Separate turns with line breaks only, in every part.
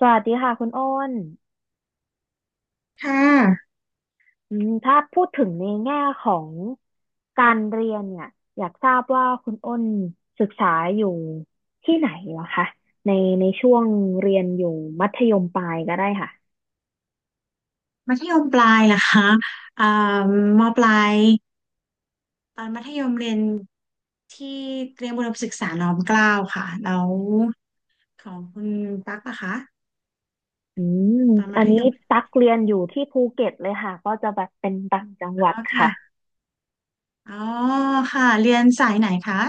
สวัสดีค่ะคุณโอ้น
ค่ะ
อืมถ้าพูดถึงในแง่ของการเรียนเนี่ยอยากทราบว่าคุณโอ้นศึกษาอยู่ที่ไหนเหรอคะในในช่วงเรียนอยู่มัธยมปลายก็ได้ค่ะ
มัธยมปลายเหรอคะอ่ามปลายตอนมัธยมเรียนที่เตรียมอุดมศึกษาน้อมเกล้าค่ะแล้วของคุณตั๊กนะคะ
อืม
ตอนมั
อัน
ธ
นี้
ยม
ตักเรียนอยู่ที่ภูเก็ตเลยค่ะก็จะแบบเป็นต่างจังห
แล้
วัด
วค่ะ
ค่ะ
อ๋อค่ะเรียนสายไหนคะ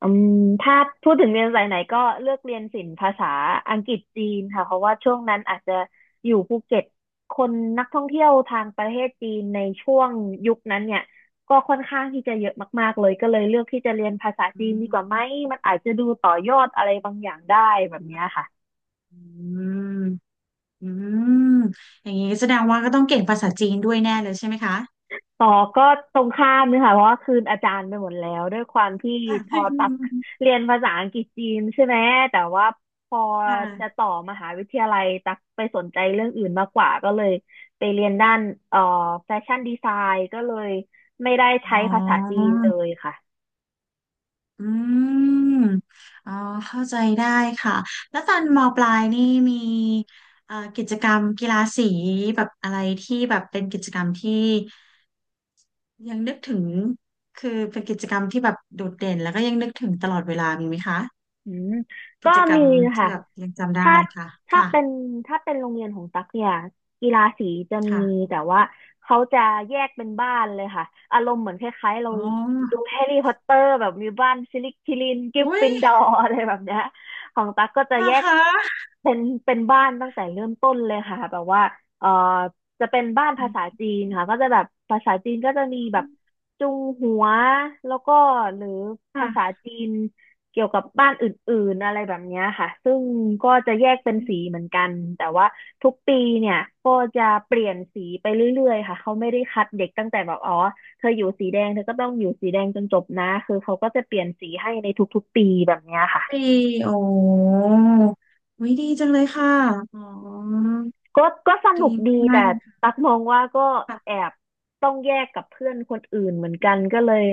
อืมถ้าพูดถึงเรียนสายไหนก็เลือกเรียนศิลป์ภาษาอังกฤษจีนค่ะเพราะว่าช่วงนั้นอาจจะอยู่ภูเก็ตคนนักท่องเที่ยวทางประเทศจีนในช่วงยุคนั้นเนี่ยก็ค่อนข้างที่จะเยอะมากๆเลยก็เลยเลือกที่จะเรียนภาษาจี
อื
นดีกว่าไหม
ม
มันอาจจะดูต่อยอดอะไรบางอย่างได้แบบเนี้ยค่ะ
อืมอืมอย่างนี้แสดงว่าก็ต้องเก่งภาษาจีนด้วยแน่เลยใช่ไหมคะ
ต่อก็ตรงข้ามเลยค่ะเพราะว่าคืนอาจารย์ไปหมดแล้วด้วยความที่พอตัก เรียนภาษาอังกฤษจีนใช่ไหมแต่ว่าพอ
ค
จะ
่ะ
ต่อมหาวิทยาลัยตักไปสนใจเรื่องอื่นมากกว่าก็เลยไปเรียนด้านเอ่อแฟชั่นดีไซน์ก็เลยไม่ได้
อ๋
ใช้
อ
ภาษาจีนเลยค่ะ
อืมอ๋อเข้าใจได้ค่ะแล้วตอนมปลายนี่มีกิจกรรมกีฬาสีแบบอะไรที่แบบเป็นกิจกรรมที่ยังนึกถึงคือเป็นกิจกรรมที่แบบโดดเด่นแล้วก็ยังนึกถึงตลอดเวลามีไหมคะ
อืมก็
กิจกร
มี
รมที่
ค่ะ
แบบยังจำได้
ถ้า
ค่ะ
ถ้า
ค่ะ
เป็นถ้าเป็นโรงเรียนของตั๊กเนี่ย กีฬาสีจะมี
ค่ะ
แต่ว่าเขาจะแยกเป็นบ้านเลยค่ะ อารมณ์เหมือนคล้ายๆเรา
อ๋อ
ดูแฮร์รี่พอตเตอร์แบบมีบ้านซิลิคิลินกริฟ
อุ้
ฟิ
ย
นดอร์ อะไรแบบเนี้ยของตั๊กก็จะแย
นะ
ก
คะ
เป็นเป็นบ้านตั้งแต่เริ่มต้นเลยค่ะแบบว่าเอ่อจะเป็นบ้าน
อื
ภาษา
ม
จีนค่ะก็จะแบบภาษาจีนก็จะมีแบบจุงหัวแล้วก็หรือภาษา
ค่ะ
จีน เกี่ยวกับบ้านอื่นๆอะไรแบบเนี้ยค่ะซึ่งก็จะแยกเป็นสีเหมือนกัน แต่ว่าทุกปีเนี่ยก็จะเปลี่ยนสีไปเรื่อยๆค่ะ เขาไม่ได้คัดเด็กตั้งแต่แบบอ๋อ เธออยู่สีแดงเธอก็ต้องอยู่สีแดงจนจบนะ คือเขาก็จะเปลี่ยนสีให้ในทุกๆปีแบบเนี้ยค่ะ
ปีโอ้วิดีจังเลยค่ะอ๋อ
ก็สนุ
ดี
กดี
มา
แต่
กๆเลย
ตักมองว่าก็แอ
ค่ะ
บต้องแยกกับเพื่อนคนอื่นเหมือนกันก็เลย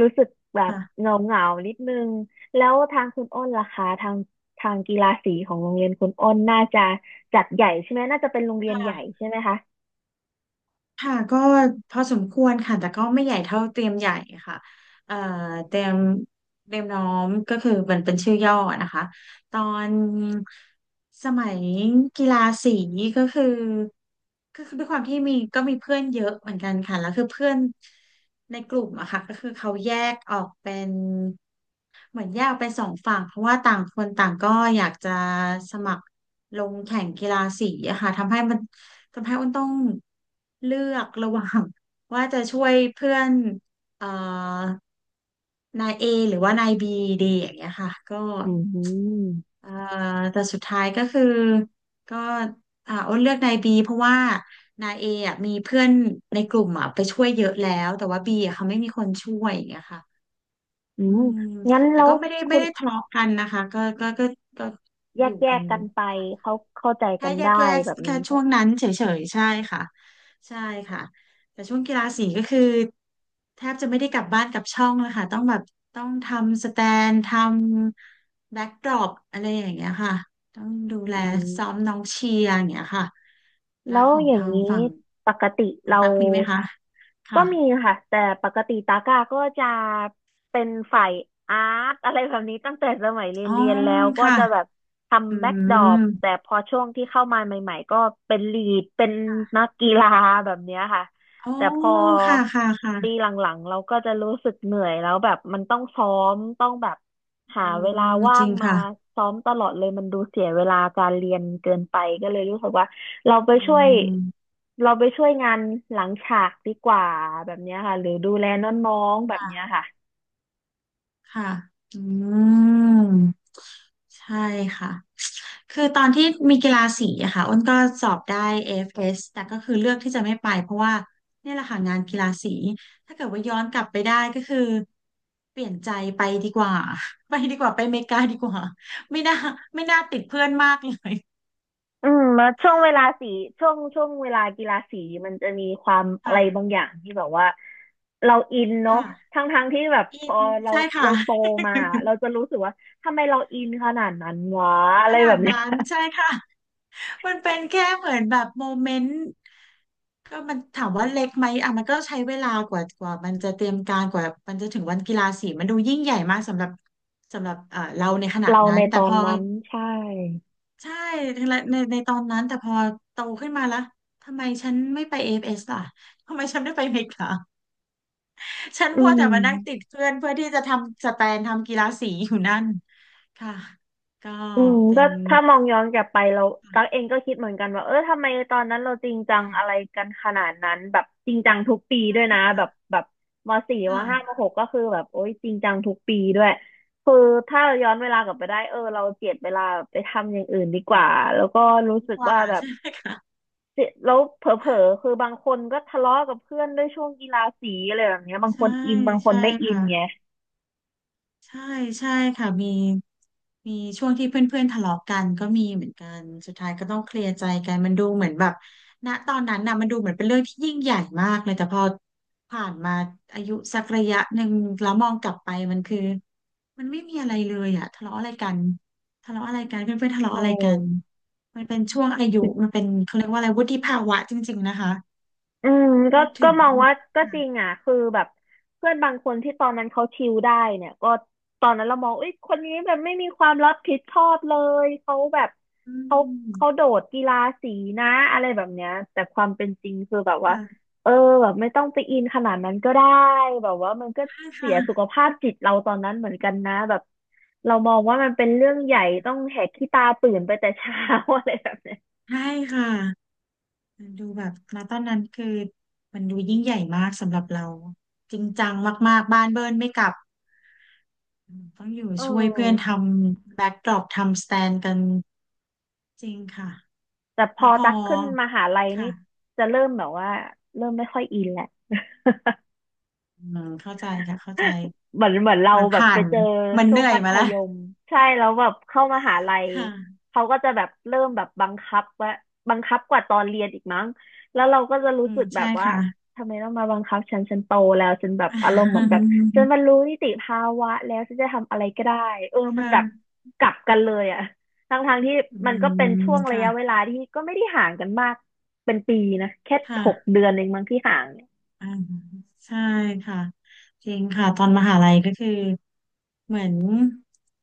รู้สึกแบบ
ค่ะ
เหงาเหงานิดนึงแล้วทางคุณอ้นล่ะคะทางทางกีฬาสีของโรงเรียนคุณอ้นน่าจะจัดใหญ่ใช่ไหมน่าจะเป็นโรงเรี
ค
ยนใหญ่
่ะ
ใช่ไหมคะ
ค่ะ ก็พอสมควรค่ะ แต่ก็ไม่ใหญ่เท่าเตรียมใหญ่ค่ะเอ่อเตรียมเตรียมน้อมก็คือมันเป็นชื่อย่อนะคะ ตอนสมัยกีฬาสีก็คือคือด้วยความที่มีมีเพื่อนเยอะเหมือนกันค่ะ แล้วคือเพื่อน ในกลุ่มอะค่ะก็คือเขาแยกออกเป็นเหมือนแยกออกเป็นสองฝั่งเพราะว่าต่างคนต่างก็อยากจะสมัครลงแข่งกีฬาสีอะค่ะทำให้อ้นต้องเลือกระหว่าง ว่าจะช่วยเพื่อนเอ่อนาย A หรือว่านายบีดีอย่างเงี้ยค่ะก็
อืม
เอ่อแต่สุดท้ายก็คือก็อ้นเลือกนายบีเพราะว่านายเออ่ะมีเพื่อนในกลุ่มอ่ะไปช่วยเยอะแล้วแต่ว่าบีอ่ะเขาไม่มีคนช่วยอย่างเงี้ยค่ะ
อื
อื
ม
ม
งั้น
แต่
แล้ว
ก็ไม่ได้
คุ
ไม่
ณ
ได้ทะเลาะกันนะคะก็
แย
อยู่
ก
กัน
กันไปเขาเข้าใจ
แค่
กัน
แย
ได้
กแยก
แบบ
แค่
นี้ใช่
ช่วง
ไหม
นั้นเฉยๆ ใช่ค่ะใช่ค่ะแต่ช่วงกีฬาสีก็คือแทบจะไม่ได้กลับบ้านกลับช่องแล้วค่ะต้องทำสแตนทำแบ็กดรอปอะไรอย่างเงี้ยค่ะต้องดูแล
อื
ซ้อม
ม
น้องเชียร์อย่างเงี้ยค่ะแล้
แล้
ว
ว
ของ
อย่าง
ทาง
นี้
ฝั่ง
ปกติ
คุณ
เรา
ตั๊กมีไหมคะ
ก็
ค่ะ
มีค่ะแต่ปกติตาก้าก็จะเป็นฝ่ายอาร์ตอะไรแบบนี้ตั้งแต่สมัยเรีย
อ๋
น
อ
เรียนแล้วก็
ค่ะ
จะแบบ
อื
ทำแบ็กดรอ
ม
ปแต่พอช่วงที่เข้ามาใหม่ๆก็เป็นลีดเป็นนักกีฬาแบบเนี้ยค่ะ
โอ้
แต่พอ
ค่ะค่ะ
ปี
ค่ะ
หลังๆเราก็จะรู้สึกเหนื่อยแล้วแบบมันต้องซ้อมต้องแบบหา
อื
เวลา
มจ
ว่า
ริ
ง
ง
มา
ค่ะ
ซ้อมตลอดเลยมันดูเสียเวลาการเรียนเกินไปก็เลยรู้สึกว่าเราไป
อื
ช่วย
ม
เราไปช่วยงานหลังฉากดีกว่าแบบเนี้ยค่ะหรือดูแลน้องๆแบบเนี้ยค่ะ
ค่ะอืมใช่ค่ะคือตอนที่มีกีฬาสีอะค่ะอ้นก็สอบได้AS แต่ก็คือเลือกที่จะไม่ไปเพราะว่าเนี่ยแหละค่ะงานกีฬาสีถ้าเกิดว่าย้อนกลับไปได้ก็คือเปลี่ยนใจไปดีกว่า ไปดีกว่าไปอเมริกาดีกว่าไม่น่าไม่น่าติดเพื่อนมากเลย
อืมแช่วงเวลาสีช่วงช่วงเวลากีฬาสีมันจะมีความอะ
ค่ะ
ไรบางอย่างที่แบบว่าเราอินเนาะ
ค่ะ
ทั้งที่แบบพ
อิ
อ
น
เรา
ใช่ค่ะ
เราโตมาเราจะรู้สึกว่าทำไมเราอินขนาดนั้นวะอะ
ข
ไรแบ
นาด
บเนี้ย
นั้น ใช่ค่ะ มันเป็นแค่เหมือนแบบโมเมนต์ก็มันถามว่าเล็กไหมอ่ะมันก็ใช้เวลากว่ามันจะเตรียมการกว่ามันจะถึงวันกีฬาสีมันดูยิ่งใหญ่มากสำหรับเราในขณะ
เรา
นั้
ใน
น
ต
แต่
อ
พ
น
อ
นั้นใช่
ใช่ในตอนนั้นแต่พอโตขึ้นมาแล้วทำไมฉันไม่ไปAFSล่ะทำไมฉันไม่ไปอเมริกาฉัน
อื
มัว
ม
แต่มานั่งติดเพื่อนเพื่อที่จะทำสแตนทำกีฬาสีอยู่นั่นค่ะก็
อืม
เป็
ก็
น
ถ้ามองย้อนกลับไปเราตั๊กเองก็คิดเหมือนกันว่าเออทำไมตอนนั้นเราจริงจังอะไรกันขนาดนั้นแบบจริงจังทุกปีด้วยนะแบบ
ค่ะ
แบบมสี่มห้ามหกก็คือแบบโอ๊ยจริงจังทุกปีด้วยคือถ้าเราย้อนเวลากลับไปได้เออเราเจียดเวลาไปทำอย่างอื่นดีกว่าแล้วก็รู้
ดี
สึก
กว่า
ว่าแบบ
ใช่ไหม
เสียแล้วเผลอๆคือบางคนก็ทะเลาะกับเพื่อนด้วยช่วงกีฬาสีอะไรแบบเนี้ยบางค
ใช่
นอินบางคน
ใช่
ไม่อิน
ค่ะ
ไง
ใช่ใช่ค่ะมีช่วงที่เพื่อนๆทะเลาะกันก็มีเหมือนกันสุดท้ายก็ต้องเคลียร์ใจกันมันดูเหมือนแบบณตอนนั้นน่ะมันดูเหมือนเป็นเรื่องที่ยิ่งใหญ่มากเลยแต่พอผ่านมาอายุสักระยะหนึ่งแล้วมองกลับไปมันคือมันไม่มีอะไรเลยอะทะเลาะอะไรกันทะเลาะอะไรกันเพื่อนๆทะเลาะ
ใช่
อะไรกันมันเป็นช่วงอายุมันเป็นเขาเรียกว่าอะไรวุฒิภาวะจริงๆนะคะ
อืมก็
พูดถึง
มองว่าก็
ค่ะ
จริงอ่ะคือแบบเพื่อนบางคนที่ตอนนั้นเขาชิลได้เนี่ยก็ตอนนั้นเรามองเอ้ยคนนี้แบบไม่มีความรับผิดชอบเลยเขาแบบ
อื
เขาเขาโด
ม
ดกีฬาสีนะอะไรแบบเนี้ยแต่ความเป็นจริงคือแบบว่า
ค่ะ
เออแบบไม่ต้องไปอินขนาดนั้นก็ได้แบบว่ามันก็
ใช่
เสี
ค่ะ
ยสุขภาพจิตเราตอนนั้นเหมือนกันนะแบบเรามองว่ามันเป็นเรื่องใหญ่ต้องแหกขี้ตาตื่นไปแต่เช้า อะไรแบบเนี้ย
ใช่ค่ะ มันดูแบบณตอนนั้นคือมันดูยิ่งใหญ่มากสำหรับเราจริงจังมากๆบ้านเบิร์นไม่กลับต้องอยู่
เอ
ช่วยเพื่อนท
อ
ำแบ็กดรอปทำสแตนกันจริงค่ะ
แต่พ
แล้
อ
วพอ
ตักขึ้นมหาลัยนี่
ค่ะ
จะเริ่มแบบว่าเริ่มไม่ค่อยอินแหละ
อืมเข้าใจค่ะเข้าใจ
เหมือนเรา
มัน
แบบ
ผ่า
ไป
น
เจอ
มัน
ช่
เห
วง
นื่อย
มัธ
มาแล้ว
ยมใช่แล้วแบบเข้ามหาลัย
ค่ะ
เขาก็จะแบบเริ่มแบบบังคับว่าบังคับกว่าตอนเรียนอีกมั้งแล้วเราก็จะรู้
อื
สึ
ม
กแบ
ใช่
บว่า
ค่ะ
ทำไมต้องมาบังคับฉันโตแล้วฉันแบบอารมณ์เหมือนแบบฉัน บรรลุนิติภาวะแล้วฉันจะทำอะไรก็ได้เออมัน
ค่ะ
แบบกลับกันเลยอะทั้งทางที่
อื
มันก็เป็น
ม
ช่วงระ
ค่ะ
ยะเวลาที่ก็ไม่ได้ห่างกันมากเป็นปีนะแค่หก
ค่ะ
เดือนเองมั้งที่ห่างเนี่ย
อ่าใช่ค่ะจริงค่ะตอนมหาลัยก็คือเหมือน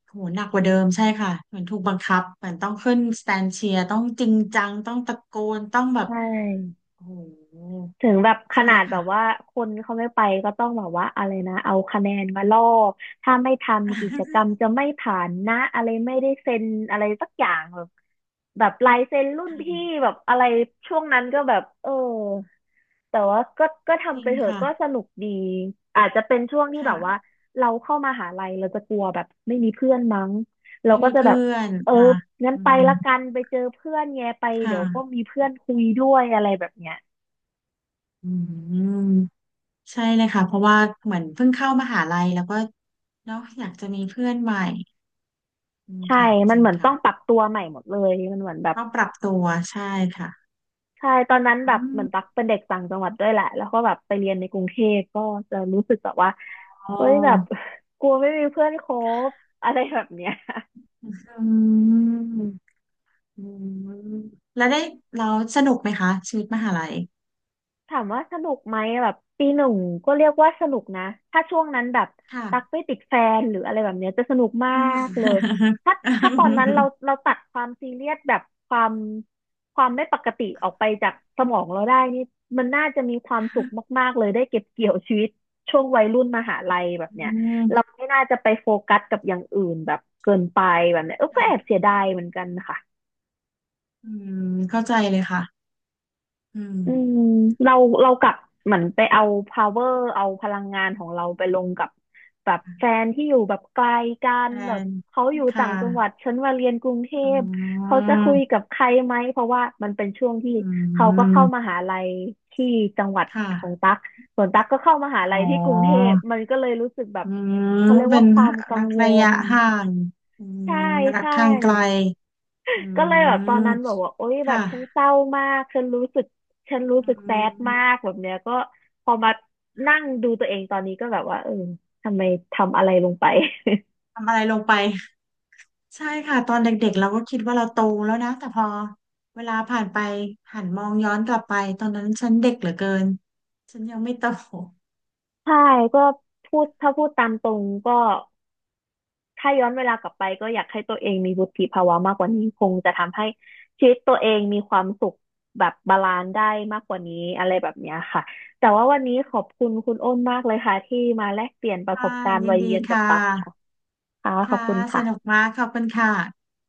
โหหนักกว่าเดิมใช่ค่ะเหมือนถูกบังคับเหมือนต้องขึ้นสแตนเชียร์ต้องจริงจังต้องตะโกนต้องแบ
ใช
บ
่
โอ้โห
ถึงแบบข
ใช่
นาดแบ
ค่ะ
บว่าคนเขาไม่ไปก็ต้องแบบว่าอะไรนะเอาคะแนนมาล่อถ้าไม่ทำกิจกรรม จะไม่ผ่านนะอะไรไม่ได้เซ็นอะไรสักอย่างแบบแบบลายเซ็นรุ่นพี่
ค่ะ
แบบอะไรช่วงนั้นก็แบบเออแต่ว่าก็
จ
ทำ
ริ
ไป
ง
เถอะ
ค่ะ
ก็สนุกดีอาจจะเป็นช่วงที่แบ
ค่ะ
บว่าเราเข้ามหาลัยเราจะกลัวแบบไม่มีเพื่อนมั้งเรา
ไม่
ก็
มี
จะแบ
เพื่
บ
อน
เออ
ค่ะ
งั้น
อื
ไป
ม
ละกันไปเจอเพื่อนไงไป
ค่ะ
เดี๋ยวก็มีเพื่อนคุยด้วยอะไรแบบเนี้ย
อืมใช่เลยค่ะเพราะว่าเหมือนเพิ่งเข้ามหาลัยแล้วก็เนาะอยากจะมีเพื่อนใหม่อืม
ใช่
ค่ะ
มั
จ
น
ริ
เห
ง
มือนต้
ค่ะ
องปรับตัวใหม่หมดเลย มันเหมือนแบบ
ต้องปรับตัวใช่ค่ะ
ใช่ ตอนนั้นแบ
อื
บเหมือน
ม
ตักเป็นเด็กต่างจังหวัดด้วยแหละ แล้วก็แบบไปเรียนในกรุงเทพก็จะรู้สึกแบบว่า
อ๋อ
เฮ้ยแบบ กลัวไม่มีเพื่อนคบอะไรแบบเนี้ย
อืมอืมแล้วได้เราสนุกไหมคะชีวิตมหาลัย
ถามว่าสนุกไหมแบบปีหนึ่งก็เรียกว่าสนุกนะถ้าช่วงนั้นแบบ
ค่ะ
ตักไม่ติดแฟนหรืออะไรแบบเนี้ยจะสนุกมา
อืม
กเลยถ้าตอนนั้นเราตัดความซีเรียสแบบความความไม่ปกติออกไปจากสมองเราได้นี่มันน่าจะมีความสุขมากๆเลยได้เก็บเกี่ยวชีวิตช่วงวัยรุ่นมหาลัยแบบ
อื
เนี้ย
ม
เราไม่น่าจะไปโฟกัสกับอย่างอื่นแบบเกินไปแบบเนี้ยเออก็
ค่ะ
แอบเสียดายเหมือนกันค่ะ
อืมเข้าใจเลยค่ะอืม
อืมเราเรากลับเหมือนไปเอา power เอาพลังงานของเราไปลงกับแบบแฟนที่อยู่แบบไกลกัน
แฟ
แบบ
น
เขาอยู่
ค่ะ
ต่างจังหวัดฉันมาเรียนกรุงเท
อ๋
พเขา
อ
จะคุยกับใครไหมเพราะว่ามันเป็นช่วงที่
อื
เขาก็เข้าม
ม
หาลัยที่จังหวัดของ
ค่ะ
ตั๊กส่วนตั๊กก็เข้ามหา
อ๋
ลั
อ
ยที่กรุงเทพมันก็เลยรู้สึกแบบ
อืม
เขาเรียก
เป็
ว่า
น
ความกั
รั
ง
ก
ว
ระยะ
ล
ห่างอืม
ใช่
รัก
ใช่
ทางไกล อื
ก็เลยแบบตอน
ม
นั้นแบบว่าโอ๊ย
ค
แบบฉันเศ
่ะ
ร้ามากฉันรู้สึกฉันรู้
อื
สึกแซดมาก
ม
แบบเนี้ยก็พอมานั่งดูตัวเองตอนนี้ก็แบบว่าเออทำไมทำอะไรลงไป
ทำอะไรลงไปใช่ค่ะตอนเด็กๆเราก็คิดว่าเราโตแล้วนะแต่พอเวลาผ่านไปหันมองย้อนกลับไปตอนนั้นฉันเด็กเหลือเกินฉันยังไม่โต
ใช่ก็พูดพูดตามตรงก็ถ้าย้อนเวลากลับไปก็อยากให้ตัวเองมีวุฒิภาวะมากกว่านี้คงจะทำให้ชีวิตตัวเองมีความสุขแบบบาลานซ์ได้มากกว่านี้อะไรแบบเนี้ยค่ะแต่ว่าวันนี้ขอบคุณคุณอ้นมากเลยค่ะที่มาแลกเปลี่ยนป ระส
ค่ะ
บการณ์
ยิ
วั
น
ย
ดี
เรียนกับ
ค่ะ
ตักค่ะค่ะขอบ
ค่ะ
คุณ
สนุก
ค่ะ
มากขอบคุณค่ะ